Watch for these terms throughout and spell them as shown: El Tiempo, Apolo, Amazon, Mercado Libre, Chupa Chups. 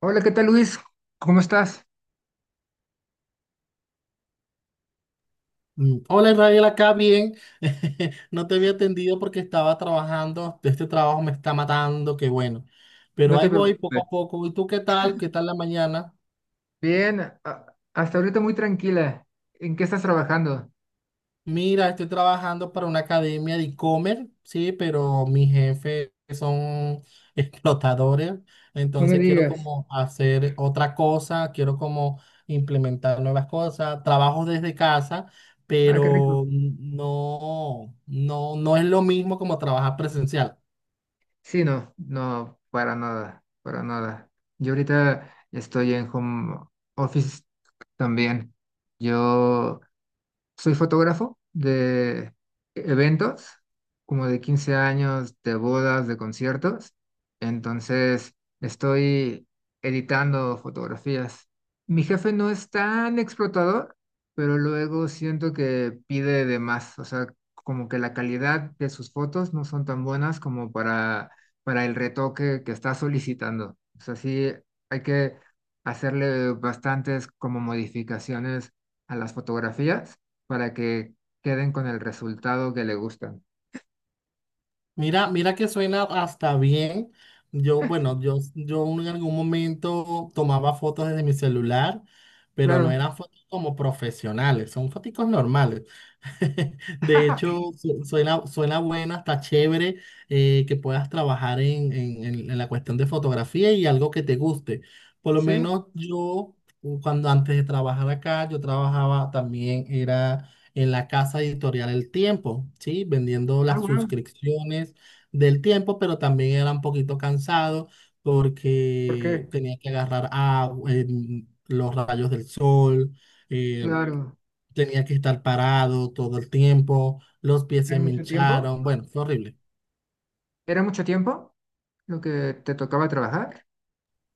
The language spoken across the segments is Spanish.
Hola, ¿qué tal Luis? ¿Cómo estás? Hola Israel, acá bien. No te había atendido porque estaba trabajando. Este trabajo me está matando, qué bueno. No Pero te ahí voy poco a preocupes. poco. ¿Y tú qué tal? ¿Qué tal la mañana? Bien, hasta ahorita muy tranquila. ¿En qué estás trabajando? Mira, estoy trabajando para una academia de e-commerce, sí, pero mis jefes son explotadores. No me Entonces quiero digas. como hacer otra cosa, quiero como implementar nuevas cosas. Trabajo desde casa Ah, qué rico. pero no, no, no es lo mismo como trabajar presencial. Sí, no, no, para nada, para nada. Yo ahorita estoy en home office también. Yo soy fotógrafo de eventos, como de 15 años, de bodas, de conciertos. Entonces, estoy editando fotografías. Mi jefe no es tan explotador, pero luego siento que pide de más. O sea, como que la calidad de sus fotos no son tan buenas como para el retoque que está solicitando. O sea, sí hay que hacerle bastantes como modificaciones a las fotografías para que queden con el resultado que le gustan. Mira que suena hasta bien. Yo, bueno, yo en algún momento tomaba fotos desde mi celular, pero no Claro, eran fotos como profesionales, son fotos normales. De hecho, suena, suena buena, está chévere que puedas trabajar en la cuestión de fotografía y algo que te guste. Por lo sí. menos yo, cuando antes de trabajar acá, yo trabajaba también, era en la casa editorial El Tiempo, ¿sí? Vendiendo Ah, las wow. suscripciones del Tiempo, pero también era un poquito cansado ¿Por porque qué? tenía que agarrar agua, los rayos del sol. eh, Claro. Tenía que estar parado todo el tiempo, los pies ¿Era se me mucho tiempo? hincharon, bueno, fue horrible. ¿Era mucho tiempo lo que te tocaba trabajar?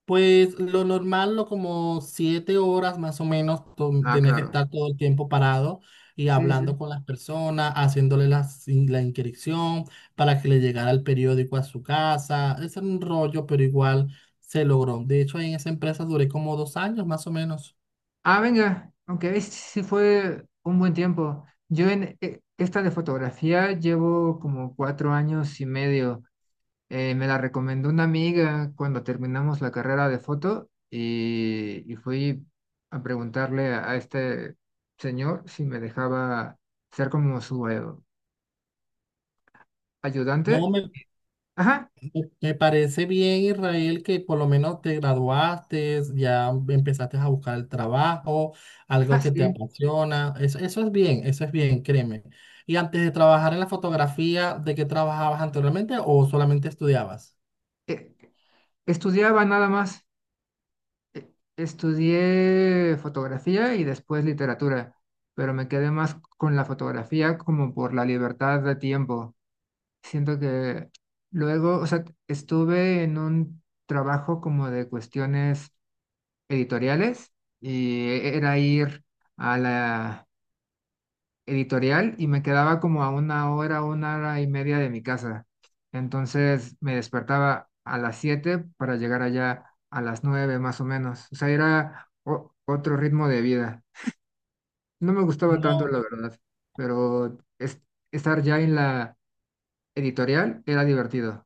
Pues lo normal, lo como 7 horas más o menos, Ah, tenía que claro. estar todo el tiempo parado y Sí, sí. hablando con las personas, haciéndole la inscripción para que le llegara el periódico a su casa. Ese era un rollo, pero igual se logró. De hecho, ahí en esa empresa duré como 2 años más o menos. Ah, venga, aunque ahí sí fue un buen tiempo. Yo en esta de fotografía llevo como 4 años y medio. Me la recomendó una amiga cuando terminamos la carrera de foto y fui a preguntarle a este señor si me dejaba ser como su No ayudante. me Ajá, Me parece bien, Israel, que por lo menos te graduaste, ya empezaste a buscar el trabajo, ah, algo que te sí. apasiona. Eso, eso es bien, créeme. Y antes de trabajar en la fotografía, ¿de qué trabajabas anteriormente o solamente estudiabas? Eh, Estudiaba nada más. Estudié fotografía y después literatura, pero me quedé más con la fotografía como por la libertad de tiempo. Siento que luego, o sea, estuve en un trabajo como de cuestiones editoriales y era ir a la editorial y me quedaba como a 1 hora, 1 hora y media de mi casa. Entonces me despertaba a las 7 para llegar allá a las 9 más o menos. O sea, era otro ritmo de vida. No me gustaba tanto, No. la verdad, pero estar ya en la editorial era divertido.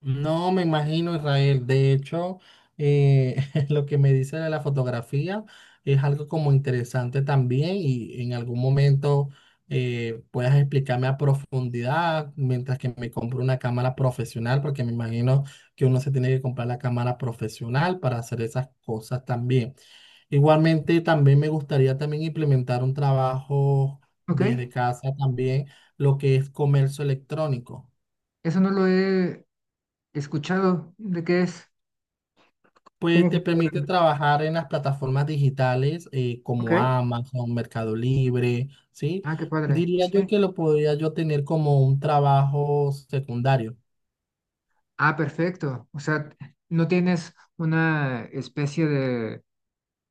No, me imagino, Israel. De hecho, eh, lo que me dice de la fotografía es algo como interesante también y en algún momento puedas explicarme a profundidad mientras que me compro una cámara profesional, porque me imagino que uno se tiene que comprar la cámara profesional para hacer esas cosas también. Igualmente, también me gustaría también implementar un trabajo desde ¿Ok? casa también, lo que es comercio electrónico. Eso no lo he escuchado. ¿De qué es? Pues ¿Cómo te funciona? permite trabajar en las plataformas digitales como Ok. Amazon, Mercado Libre, ¿sí? Ah, qué padre. Diría yo Sí. que lo podría yo tener como un trabajo secundario. Ah, perfecto. O sea, ¿no tienes una especie de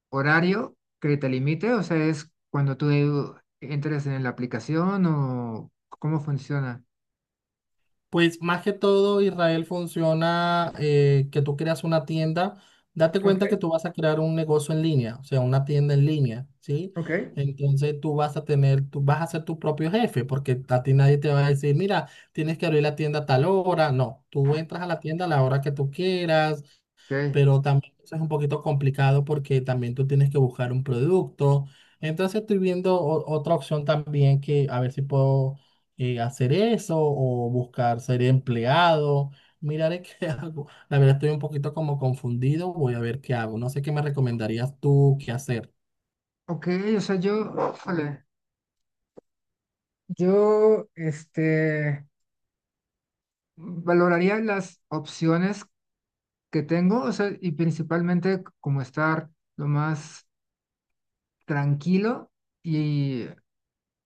horario que te limite? O sea, ¿es cuando tú entres en la aplicación o cómo funciona? Pues más que todo, Israel funciona que tú creas una tienda, date cuenta que Ok, tú vas a crear un negocio en línea, o sea, una tienda en línea, ¿sí? ok. Entonces tú vas a tener, tú vas a ser tu propio jefe, porque a ti nadie te va a decir, mira, tienes que abrir la tienda a tal hora. No, tú entras a la tienda a la hora que tú quieras Ok, pero también eso es un poquito complicado porque también tú tienes que buscar un producto. Entonces estoy viendo otra opción también que a ver si puedo hacer eso o buscar ser empleado. Miraré qué hago. La verdad estoy un poquito como confundido. Voy a ver qué hago. No sé qué me recomendarías tú qué hacer. ok, o sea, yo, híjole, yo, este, valoraría las opciones que tengo, o sea, y principalmente como estar lo más tranquilo y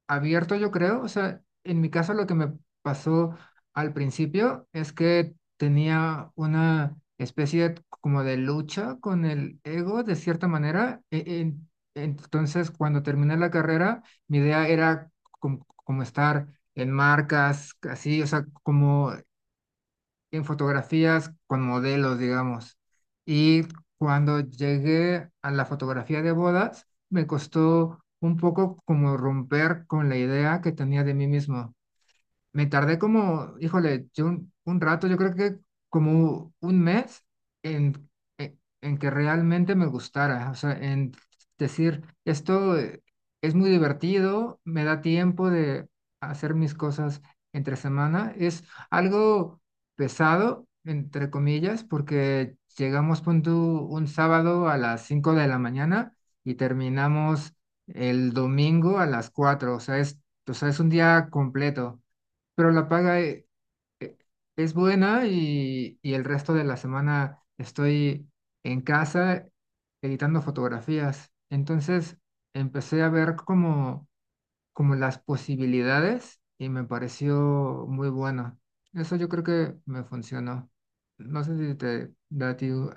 abierto, yo creo, o sea, en mi caso lo que me pasó al principio es que tenía una especie como de lucha con el ego de cierta manera, entonces cuando terminé la carrera, mi idea era como, estar en marcas, así, o sea, como en fotografías con modelos, digamos. Y cuando llegué a la fotografía de bodas, me costó un poco como romper con la idea que tenía de mí mismo. Me tardé como, híjole, yo un rato, yo creo que como 1 mes en, en que realmente me gustara, o sea, en decir, esto es muy divertido, me da tiempo de hacer mis cosas entre semana, es algo pesado, entre comillas, porque llegamos, pon tú, un sábado a las 5 de la mañana y terminamos el domingo a las 4, o sea, es un día completo pero la paga eh, es buena y el resto de la semana estoy en casa editando fotografías. Entonces empecé a ver como las posibilidades y me pareció muy bueno. Eso yo creo que me funcionó. No sé si te da a ti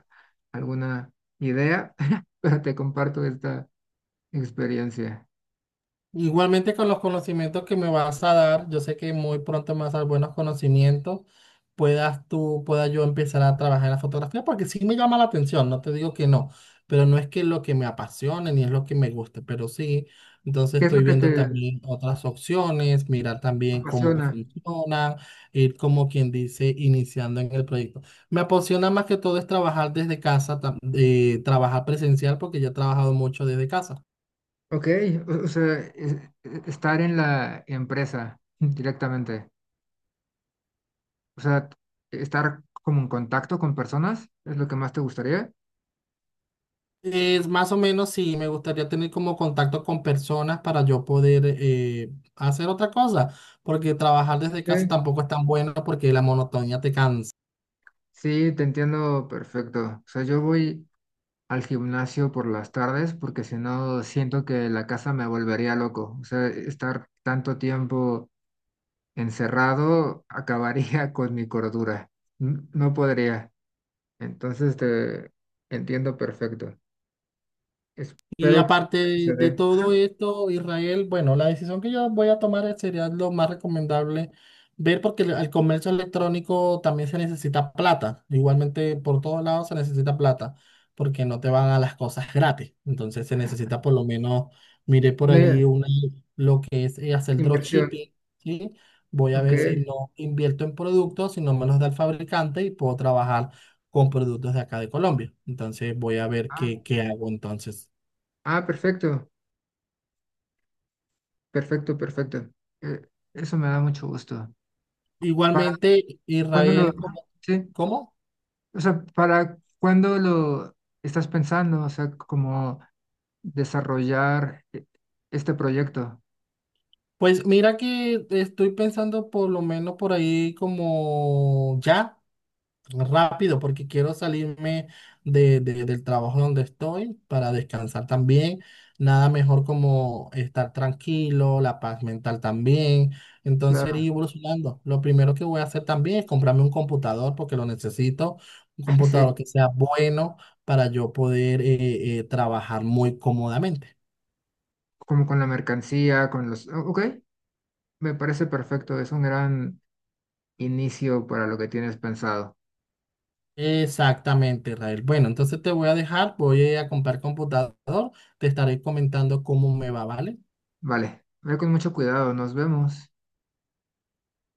alguna idea, pero te comparto esta experiencia. Igualmente con los conocimientos que me vas a dar, yo sé que muy pronto me vas a dar buenos conocimientos, puedas tú, pueda yo empezar a trabajar en la fotografía, porque sí me llama la atención, no te digo que no, pero no es que es lo que me apasione ni es lo que me guste, pero sí, entonces ¿Qué es lo estoy que viendo te también otras opciones, mirar también cómo apasiona? funcionan, ir como quien dice, iniciando en el proyecto. Me apasiona más que todo es trabajar desde casa, trabajar presencial, porque yo he trabajado mucho desde casa. Ok, o sea, estar en la empresa directamente, o sea, estar como en contacto con personas es lo que más te gustaría. Es más o menos sí, me gustaría tener como contacto con personas para yo poder hacer otra cosa, porque trabajar desde casa Ok, tampoco es tan bueno porque la monotonía te cansa. sí, te entiendo perfecto. O sea, yo voy al gimnasio por las tardes porque si no siento que la casa me volvería loco. O sea, estar tanto tiempo encerrado acabaría con mi cordura. No podría. Entonces te entiendo perfecto. Y Espero que aparte se de dé. todo esto, Israel, bueno, la decisión que yo voy a tomar sería lo más recomendable ver porque el comercio electrónico también se necesita plata. Igualmente por todos lados se necesita plata porque no te van a las cosas gratis. Entonces se necesita por lo menos, miré por allí Una una, lo que es hacer inversión, dropshipping, ¿sí? Voy a ver si ok. no invierto en productos, si no me los da el fabricante y puedo trabajar con productos de acá de Colombia. Entonces voy a ver Ah, qué, qué hago entonces. ah, perfecto, perfecto, perfecto. Eh, Eso me da mucho gusto. ¿Para Igualmente, cuándo lo, Israel, ¿cómo? sí? ¿Cómo? O sea, ¿para cuándo lo estás pensando? O sea, como desarrollar este proyecto. Pues mira que estoy pensando por lo menos por ahí como ya, rápido, porque quiero salirme del trabajo donde estoy para descansar también. Nada mejor como estar tranquilo, la paz mental también. Entonces ir Claro, evolucionando. Lo primero que voy a hacer también es comprarme un computador porque lo necesito, un computador sí, que sea bueno para yo poder trabajar muy cómodamente. como con la mercancía, con los... Ok, me parece perfecto, es un gran inicio para lo que tienes pensado. Exactamente, Israel. Bueno, entonces te voy a dejar, voy a comprar computador, te estaré comentando cómo me va, ¿vale? Vale, ve con mucho cuidado, nos vemos.